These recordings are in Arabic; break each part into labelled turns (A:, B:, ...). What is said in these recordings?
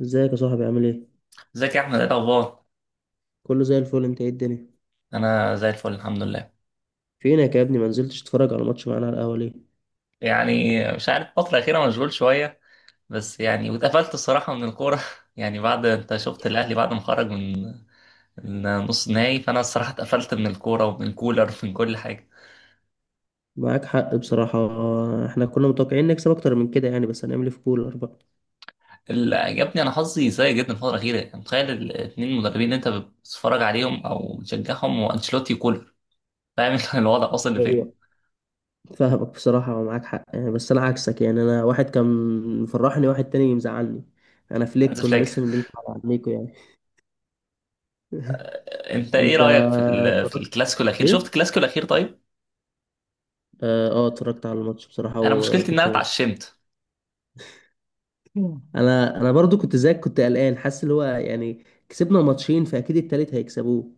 A: ازيك يا صاحبي، عامل ايه؟
B: ازيك يا احمد؟ ايه الاخبار؟
A: كله زي الفل. انت، ايه الدنيا؟
B: انا زي الفل، الحمد لله.
A: فينك يا ابني؟ ما نزلتش تتفرج على ماتش معانا على القهوه ليه؟
B: يعني مش عارف، الفتره الاخيره مشغول شويه. بس يعني واتقفلت الصراحه من الكوره يعني بعد، انت شفت الاهلي بعد ما خرج من نص نهائي، فانا الصراحه اتقفلت من الكوره ومن كولر ومن كل حاجه.
A: معاك حق بصراحه. احنا كنا متوقعين نكسب اكتر من كده يعني، بس هنعمل ايه في كولر بقى؟
B: اللي عجبني، انا حظي سيء جدا الفتره الاخيره. يعني متخيل الاثنين مدربين اللي انت بتتفرج عليهم او بتشجعهم، وانشيلوتي وكولر، فاهم انت الوضع واصل
A: هو
B: لفين؟
A: فاهمك بصراحه ومعاك حق يعني، بس انا عكسك يعني، انا واحد كان مفرحني، واحد تاني مزعلني. انا فليك،
B: هانز
A: كنا
B: فليك.
A: لسه مدينكم على عينيكم يعني.
B: انت ايه
A: انت
B: رايك في في
A: اتفرجت؟
B: الكلاسيكو الاخير؟ شفت
A: ايه،
B: الكلاسيكو الاخير؟ طيب.
A: اه. اتفرجت على الماتش بصراحه
B: انا مشكلتي ان انا
A: وكنت مبسوط.
B: اتعشمت.
A: انا برضو كنت زيك، كنت قلقان حاسس اللي هو يعني كسبنا ماتشين فاكيد التالت هيكسبوه.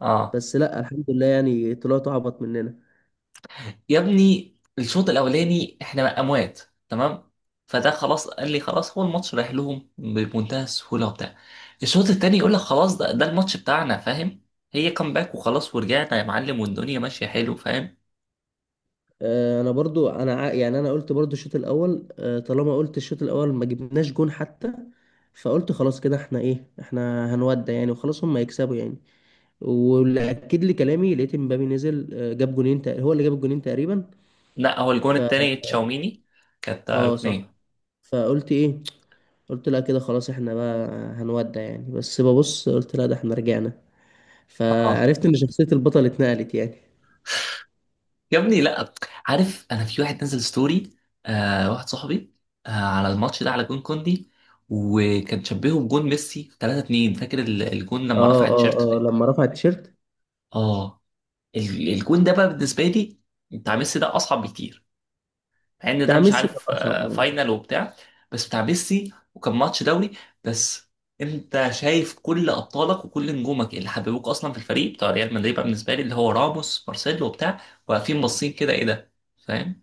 B: اه.
A: بس لا، الحمد لله يعني، طلعتوا اعبط مننا.
B: يا ابني الشوط الاولاني احنا اموات. تمام. فده خلاص، قال لي خلاص، هو الماتش رايح لهم بمنتهى السهوله وبتاع. الشوط التاني يقول لك خلاص، ده الماتش بتاعنا، فاهم؟ هي كامباك، وخلاص ورجعنا يا معلم، والدنيا ماشيه حلو، فاهم؟
A: انا برضو يعني انا قلت برضو الشوط الاول، طالما قلت الشوط الاول ما جبناش جون حتى. فقلت خلاص كده احنا، ايه، احنا هنودع يعني، وخلاص هم هيكسبوا يعني. واللي اكد لي كلامي لقيت مبابي نزل، جاب هو اللي جاب الجونين تقريبا.
B: لا، هو الجون
A: ف
B: التاني تشاوميني، كانت
A: اه
B: ركنيه.
A: صح. فقلت ايه؟ قلت لا، كده خلاص احنا بقى هنودع يعني، بس ببص قلت لا، ده احنا رجعنا.
B: اه.
A: فعرفت ان شخصية البطل اتنقلت يعني.
B: يا ابني لا. عارف، انا في واحد نزل ستوري، واحد صاحبي، على الماتش ده، على جون كوندي. وكان شبهه بجون ميسي 3 2، فاكر الجون لما
A: اه،
B: رفع
A: اه،
B: التيشيرت
A: اه،
B: ده؟
A: لما رفع التيشيرت.
B: اه. الجون ده بقى بالنسبه لي بتاع ميسي، ده اصعب بكتير. مع ان ده
A: بتاع
B: مش
A: ميسي كان
B: عارف،
A: اصعب، اه.
B: فاينل وبتاع. بس بتاع ميسي وكان ماتش دوري. بس انت شايف كل ابطالك وكل نجومك اللي حببوك اصلا في الفريق بتاع ريال مدريد، بقى بالنسبه لي اللي هو راموس مارسيلو وبتاع، واقفين باصين كده ايه ده، فاهم؟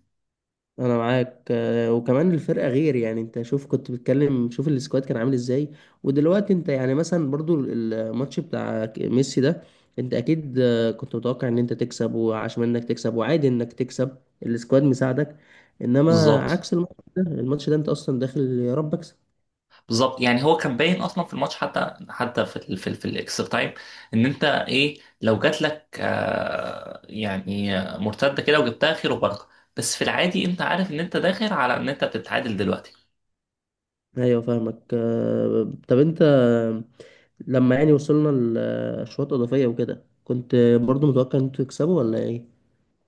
A: انا معاك، وكمان الفرقه غير يعني، انت شوف كنت بتكلم، شوف السكواد كان عامل ازاي. ودلوقتي انت يعني، مثلا برضو الماتش بتاع ميسي ده، انت اكيد كنت متوقع ان انت تكسب، وعشان انك تكسب وعادي انك تكسب، السكواد مساعدك. انما
B: بالظبط.
A: عكس الماتش ده، الماتش ده انت اصلا داخل يا رب اكسب.
B: بالظبط. يعني هو كان باين اصلا في الماتش، حتى حتى في ال في الاكسترا تايم، ان انت ايه، لو جات لك آه يعني مرتده كده وجبتها خير وبركه. بس في العادي انت عارف ان انت داخل على ان انت بتتعادل دلوقتي.
A: ايوه فاهمك، طب انت، لما يعني وصلنا لاشواط اضافيه وكده، كنت برضو متوقع ان انتوا تكسبوا ولا ايه؟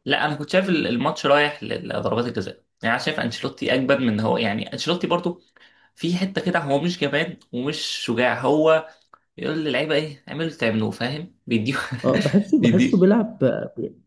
B: لا، انا كنت شايف الماتش رايح لضربات الجزاء. يعني انا شايف انشيلوتي اجبد من إن هو، يعني انشيلوتي برضو في حته كده هو مش جبان ومش شجاع. هو يقول للعيبه ايه، اعملوا اللي تعملوه، فاهم؟ بيديهم.
A: اه، بحسه
B: بيدي.
A: بيلعب.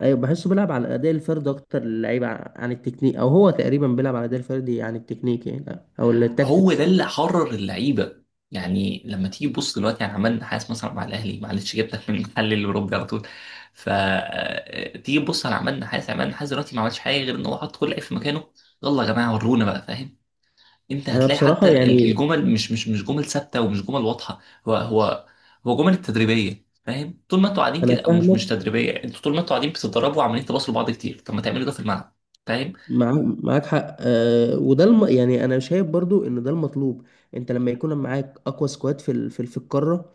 A: ايوه، بحسه بيلعب على الاداء الفردي اكتر، اللعيبه عن التكنيك، او هو تقريبا بيلعب على الاداء الفردي عن التكنيك يعني، او
B: هو ده
A: التاكتكس.
B: اللي حرر اللعيبه. يعني لما تيجي تبص دلوقتي، يعني عماد النحاس مثلا مع الاهلي، معلش جبتك من المحل الاوروبي على طول. ف تيجي تبص على عماد النحاس، عماد النحاس دلوقتي ما عملش حاجه غير ان هو حط كل لعيب في مكانه. يلا يا جماعه ورونا بقى، فاهم؟ انت
A: انا
B: هتلاقي حتى
A: بصراحه يعني،
B: الجمل مش جمل ثابته ومش جمل واضحه. هو هو هو جمل تدريبيه، فاهم؟ طول ما انتوا قاعدين
A: انا
B: كده، او
A: فاهمك.
B: مش تدريبيه، انتوا طول ما انتوا قاعدين بتتدربوا وعمالين تباصوا لبعض كتير، طب ما تعملوا ده في الملعب، فاهم؟
A: معاك معاك حق، وده يعني، انا شايف برضو ان ده المطلوب. انت لما يكون معاك اقوى سكواد في القاره،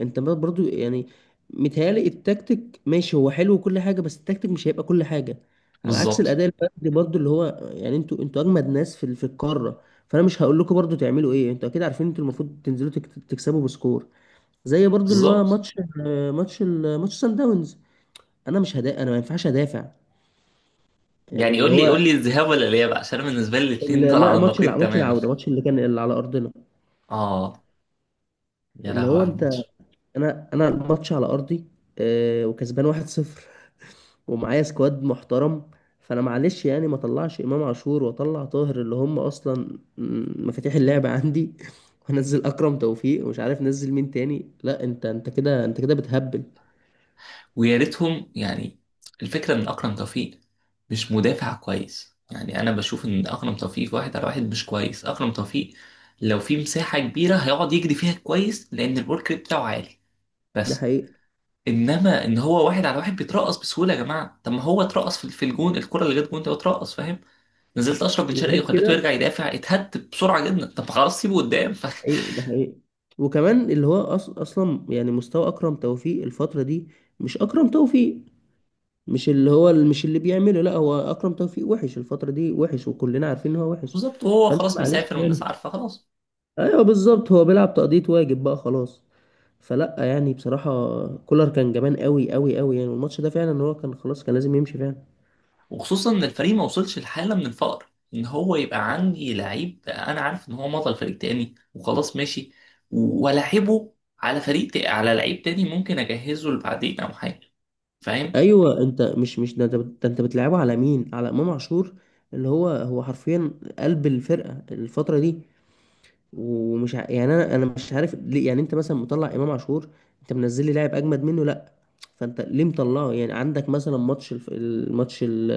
A: انت برضو يعني، متهيألي التكتيك ماشي، هو حلو وكل حاجة، بس التكتيك مش هيبقى كل حاجة. على عكس
B: بالظبط.
A: الأداء الفردي برضو اللي هو يعني، انتوا أجمد ناس في القارة. فأنا مش هقول لكم برضو تعملوا إيه، انتوا أكيد عارفين، انتوا المفروض تنزلوا تكسبوا بسكور، زي برضو اللي هو
B: بالظبط.
A: ماتش سان داونز. أنا مش هدا، أنا ما ينفعش أدافع. يعني
B: يعني
A: اللي هو
B: قول لي، الذهاب ولا الاياب؟ عشان انا بالنسبه لي الاثنين دول
A: لا،
B: على النقيض
A: ماتش
B: تماما.
A: العودة، ماتش اللي كان اللي على أرضنا.
B: اه. يا
A: اللي
B: لهوي
A: هو
B: على
A: انت،
B: الماتش.
A: انا الماتش على ارضي، وكسبان 1-0. ومعايا سكواد محترم. فانا معلش يعني، ما طلعش امام عاشور واطلع طاهر، اللي هم اصلا مفاتيح اللعب عندي. وانزل اكرم توفيق ومش عارف نزل مين تاني، لا انت كده، انت كده بتهبل.
B: ويا ريتهم يعني. الفكره ان اكرم توفيق مش مدافع كويس. يعني انا بشوف ان اكرم توفيق في واحد على واحد مش كويس، اكرم توفيق لو في مساحه كبيره هيقعد يجري فيها كويس، لان الورك ريت بتاعه عالي.
A: ده
B: بس
A: حقيقي.
B: انما ان هو واحد على واحد بيترقص بسهوله، يا جماعه طب ما هو اترقص في الجون، الكره اللي جت جون ده اترقص، فاهم؟ نزلت اشرف بن شرقي
A: وغير
B: وخليته يرجع
A: كده،
B: يدافع، اتهد بسرعه جدا، طب خلاص سيبه قدام.
A: ده حقيقي. ده حقيقي. وكمان اللي هو اصلا يعني، مستوى اكرم توفيق الفتره دي، مش اكرم توفيق، مش اللي هو مش اللي بيعمله، لا هو اكرم توفيق وحش الفتره دي، وحش وكلنا عارفين ان هو وحش.
B: بالظبط. وهو
A: فانت
B: خلاص
A: معلش
B: مسافر والناس
A: يعني.
B: عارفه خلاص.
A: ايوه بالظبط، هو بيلعب تقضيه واجب بقى خلاص. فلا يعني بصراحه، كولر كان جبان قوي قوي قوي يعني، والماتش ده فعلا هو كان خلاص، كان لازم يمشي فعلا.
B: وخصوصا ان الفريق ما وصلش لحاله من الفقر ان هو يبقى عندي لعيب انا عارف ان هو مضى لفريق تاني، وخلاص ماشي. والاعبه على على لعيب تاني ممكن اجهزه لبعدين او حاجه، فاهم؟
A: ايوه، انت مش ده، ده انت بتلعبه على مين، على امام عاشور، اللي هو هو حرفيا قلب الفرقه الفتره دي. ومش يعني انا مش عارف ليه، يعني انت مثلا مطلع امام عاشور. انت منزل لي لاعب اجمد منه؟ لا. فانت ليه مطلعه؟ يعني عندك مثلا ماتش الف... الماتش ال...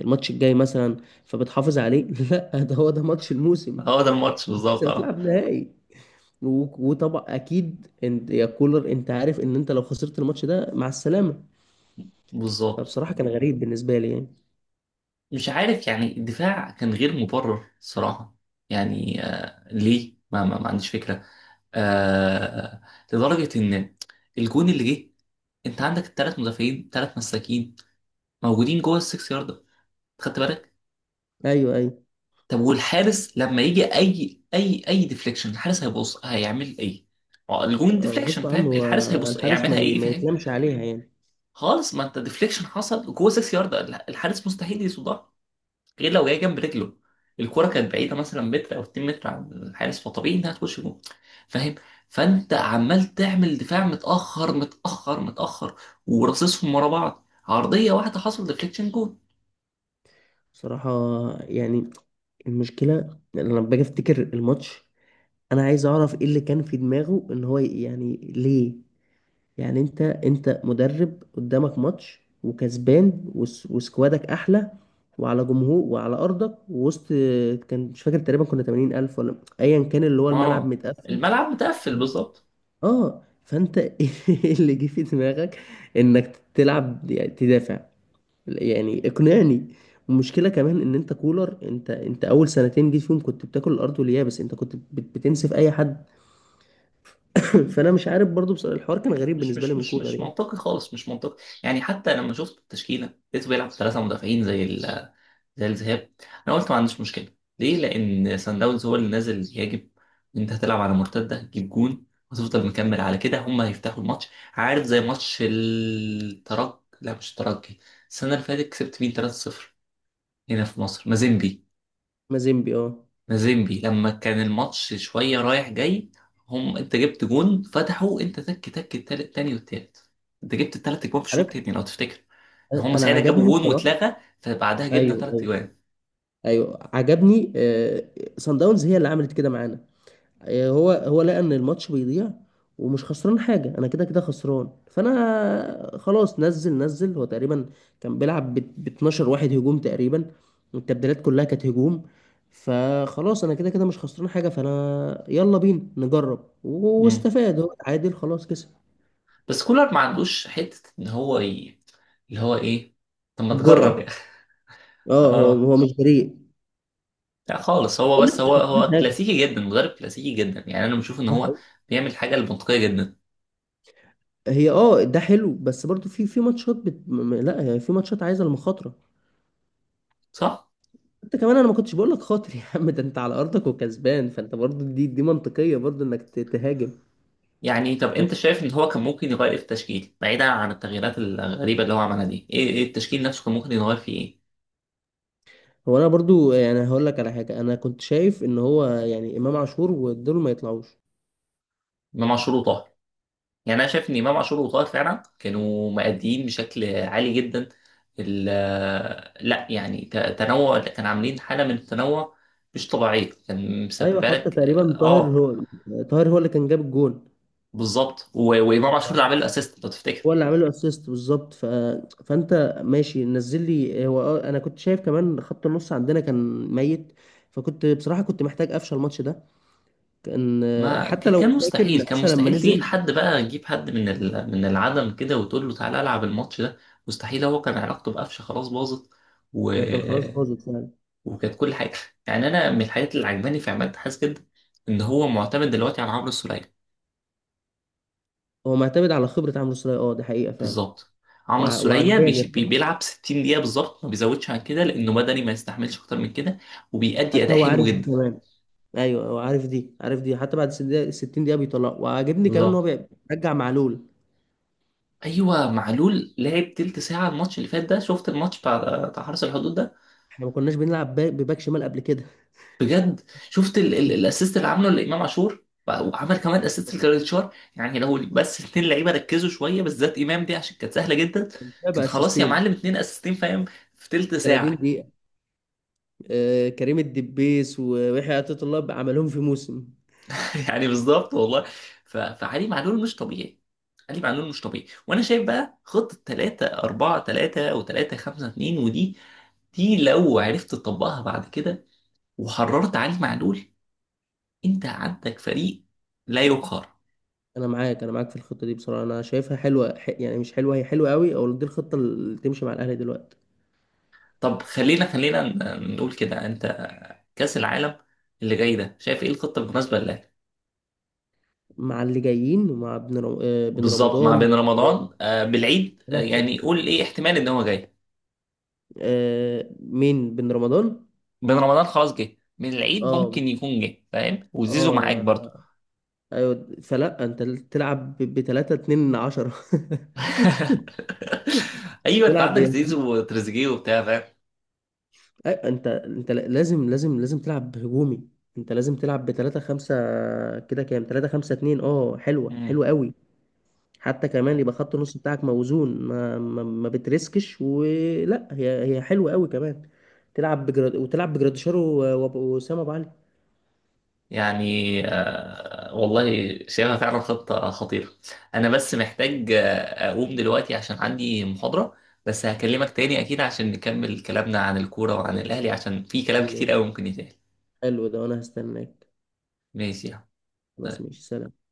A: الماتش الجاي مثلا، فبتحافظ عليه؟ لا، ده هو ده ماتش الموسم.
B: هو ده الماتش
A: انت
B: بالظبط، اه.
A: بتلعب نهائي. و... وطبعا اكيد انت يا كولر، انت عارف ان انت لو خسرت الماتش ده مع السلامة.
B: بالظبط.
A: فبصراحة كان غريب بالنسبة لي يعني.
B: مش عارف، يعني الدفاع كان غير مبرر صراحه. يعني آه ليه، ما عنديش فكره. آه آه، لدرجه ان الجون اللي جه، انت عندك الثلاث مدافعين، ثلاث مساكين موجودين جوه السكس يارده، خدت بالك؟
A: ايوه، ايوه.
B: طب والحارس لما يجي اي ديفليكشن، الحارس هيبص هيعمل ايه؟ ما هو الجون ديفليكشن،
A: غصب عنه.
B: فاهم؟ الحارس هيبص
A: الحارس
B: هيعملها ايه،
A: ما
B: فاهم؟
A: يتلامش عليها يعني.
B: خالص، ما انت ديفليكشن حصل جوه 6 يارده، الحارس مستحيل يصدها غير لو جاي جنب رجله. الكرة كانت بعيدة مثلا متر أو 2 متر عن الحارس، فطبيعي إنها تخش جون، فاهم؟ فأنت عمال تعمل دفاع متأخر متأخر متأخر، وراصصهم ورا بعض، عرضية واحدة حصل ديفليكشن جون.
A: بصراحة يعني، المشكلة إن لما باجي افتكر الماتش، انا عايز اعرف ايه اللي كان في دماغه، ان هو يعني ليه. يعني انت مدرب قدامك ماتش وكسبان، وسكوادك احلى، وعلى جمهور وعلى ارضك، ووسط كان مش فاكر تقريبا كنا 80 الف ولا ايا كان، اللي هو الملعب
B: اه،
A: متقفل.
B: الملعب متقفل بالظبط.
A: اه، فانت ايه اللي جه في دماغك؟ انك تلعب يعني تدافع؟ يعني اقنعني. والمشكله كمان ان انت كولر، انت اول سنتين جيت فيهم كنت بتاكل الارض واليابس، انت كنت بتنسف اي حد. فانا مش عارف برضو بصراحة، الحوار كان غريب بالنسبه لي من كولر
B: مش
A: يعني.
B: منطقي خالص، مش منطقي. يعني حتى لما شفت التشكيله لقيته بيلعب ثلاثه مدافعين زي زي الذهاب. انا قلت ما عنديش مشكله. ليه؟ لان سان داونز هو اللي نازل يهاجم، انت هتلعب على مرتده، هتجيب جون وتفضل مكمل على كده، هم هيفتحوا الماتش. عارف زي ماتش الترجي؟ لا، مش الترجي. السنه اللي فاتت كسبت مين 3-0؟ هنا في مصر، مازيمبي.
A: مازيمبي، اه
B: مازيمبي لما كان الماتش شوية رايح جاي، هم انت جبت جون فتحوا، انت تك تك، التالت تاني والتالت. انت جبت التلات اجوان في الشوط
A: عارف.
B: التاني لو تفتكر. ان هم
A: انا
B: ساعتها جابوا
A: عجبني
B: جون
A: بصراحه.
B: واتلغى، فبعدها جبنا
A: ايوه،
B: تلات
A: ايوه.
B: اجوان.
A: ايوه عجبني. سان داونز هي اللي عملت كده معانا. هو هو لقى ان الماتش بيضيع، ومش خسران حاجه، انا كده كده خسران، فانا خلاص نزل هو تقريبا كان بيلعب ب 12 واحد هجوم تقريبا. والتبديلات كلها كانت هجوم. فخلاص انا كده كده مش خسران حاجه، فانا يلا بينا نجرب،
B: مم.
A: واستفاد هو، اتعادل خلاص كسب.
B: بس كولر ما عندوش حتة ان هو اللي هو ايه، طب ما تجرب يا
A: الجرأة.
B: اخي.
A: اه، هو
B: اه.
A: هو مش جريء.
B: لا خالص، هو
A: قال لك
B: بس
A: مش
B: هو
A: خسران
B: هو
A: حاجه.
B: كلاسيكي جدا، مدرب كلاسيكي جدا. يعني انا بشوف ان
A: ده
B: هو
A: حقيقي.
B: بيعمل حاجة المنطقية جدا،
A: هي اه ده حلو، بس برضو في ماتشات لا، هي في ماتشات عايزه المخاطره.
B: صح؟
A: انت كمان انا ما كنتش بقول لك خاطر، يا عم، ده انت على ارضك وكسبان، فانت برضو دي منطقيه، برضو انك تهاجم.
B: يعني طب انت
A: كم-
B: شايف ان هو كان ممكن يغير ايه في التشكيل، بعيدا عن التغييرات الغريبه اللي هو عملها دي، ايه التشكيل نفسه كان ممكن يغير فيه ايه؟
A: هو انا برضو يعني هقول لك على حاجه، انا كنت شايف ان هو يعني امام عاشور ودول ما يطلعوش.
B: امام عاشور وطاهر. يعني انا شايف ان امام عاشور وطاهر فعلا كانوا مأديين بشكل عالي جدا. لا يعني تنوع، كان عاملين حاله من التنوع مش طبيعيه، كان
A: ايوه،
B: مسببه
A: حتى
B: لك.
A: تقريبا طاهر
B: اه،
A: هو طاهر هو اللي كان جاب الجون.
B: بالظبط. وامام عاشور اللي عامل الاسيست لو تفتكر.
A: هو اللي عامل له اسيست بالظبط. ف... فانت ماشي نزل لي هو اه، انا كنت شايف كمان خط النص عندنا كان ميت. فكنت بصراحه، كنت محتاج قفشه الماتش ده، كان.
B: ما
A: حتى لو
B: كان
A: فاكر
B: مستحيل،
A: ان
B: كان
A: قفشه لما
B: مستحيل تجيب
A: نزل،
B: حد بقى، تجيب حد من من العدم كده وتقول له تعالى العب الماتش ده، مستحيل. هو كان علاقته بقفشه خلاص باظت و...
A: يعني كان خلاص باظت.
B: وكانت كل حاجه. يعني انا من الحاجات اللي عجباني في عماد حاس جدا، ان هو معتمد دلوقتي على عمرو السوليه.
A: هو معتمد على خبرة عمرو سولية، اه دي حقيقة فعلا.
B: بالظبط. عمرو السوليه
A: وعجباني الخبرة.
B: بيلعب 60 دقيقه بالظبط، ما بيزودش عن كده لانه بدني ما يستحملش اكتر من كده، وبيأدي
A: حتى
B: اداء
A: هو
B: حلو
A: عارف دي
B: جدا.
A: كمان. ايوه، هو عارف دي، عارف دي، حتى بعد 60 دقيقة، 60 دقيقة بيطلع، وعاجبني كمان ان هو
B: بالظبط.
A: بيرجع معلول.
B: ايوه، معلول لعب تلت ساعه الماتش اللي فات ده، شفت الماتش بتاع حرس الحدود ده؟
A: احنا ما كناش بنلعب بباك شمال قبل كده.
B: بجد، شفت الاسيست اللي عامله لامام عاشور، وعمل كمان اسيست لجريتشار؟ يعني لو بس اتنين لعيبه ركزوا شويه، بالذات امام دي عشان كانت سهله جدا،
A: ده
B: كان خلاص يا
A: باسيستين،
B: معلم اتنين اسيستين، فاهم؟ في تلت
A: 30
B: ساعه.
A: دقيقة. كريم الدبيس ويحيى عطية الله بقى عملهم في موسم.
B: يعني بالظبط والله. فعلي معلول مش طبيعي، علي معلول مش طبيعي. وانا شايف بقى خطه 3 4 3 و3 5 2، ودي لو عرفت تطبقها بعد كده وحررت علي معلول، انت عندك فريق لا يقهر.
A: انا معاك في الخطة دي بصراحة، انا شايفها حلوة، يعني مش حلوة، هي حلوة قوي، او دي الخطة اللي تمشي مع الاهلي دلوقتي.
B: طب خلينا نقول كده، انت كأس العالم اللي جاي ده شايف ايه الخطة المناسبة لك؟
A: مع اللي جايين، ومع بن
B: بالظبط، مع
A: رمضان.
B: بين رمضان بالعيد، يعني قول ايه احتمال ان هو جاي،
A: مين بن رمضان؟
B: بين رمضان خلاص جه من العيد،
A: اه،
B: ممكن يكون جه، فاهم؟ وزيزو معاك
A: اه،
B: برضه.
A: ايوه، فلا انت تلعب ب 3 2 10.
B: ايوه، انت
A: تلعب
B: عندك
A: يعني،
B: زيزو وتريزيجيه وبتاع، فاهم؟
A: انت لازم لازم لازم تلعب هجومي. انت لازم تلعب ب 3 5، كده كام؟ 3 5 2، اه حلوه،
B: مم.
A: حلوه قوي. حتى كمان يبقى خط النص بتاعك موزون، ما بترسكش ولا، هي هي حلوه قوي كمان. تلعب بجراد، وتلعب بجراديشار، وسام ابو علي.
B: يعني آه والله شايفها فعلا خطة خطيرة. أنا بس محتاج أقوم دلوقتي عشان عندي محاضرة. بس هكلمك تاني أكيد عشان نكمل كلامنا عن الكورة وعن
A: خلاص،
B: الأهلي، عشان في كلام كتير
A: ماشي،
B: أوي ممكن يتقال.
A: حلو ده وانا هستناك.
B: ماشي.
A: خلاص، ماشي، سلام.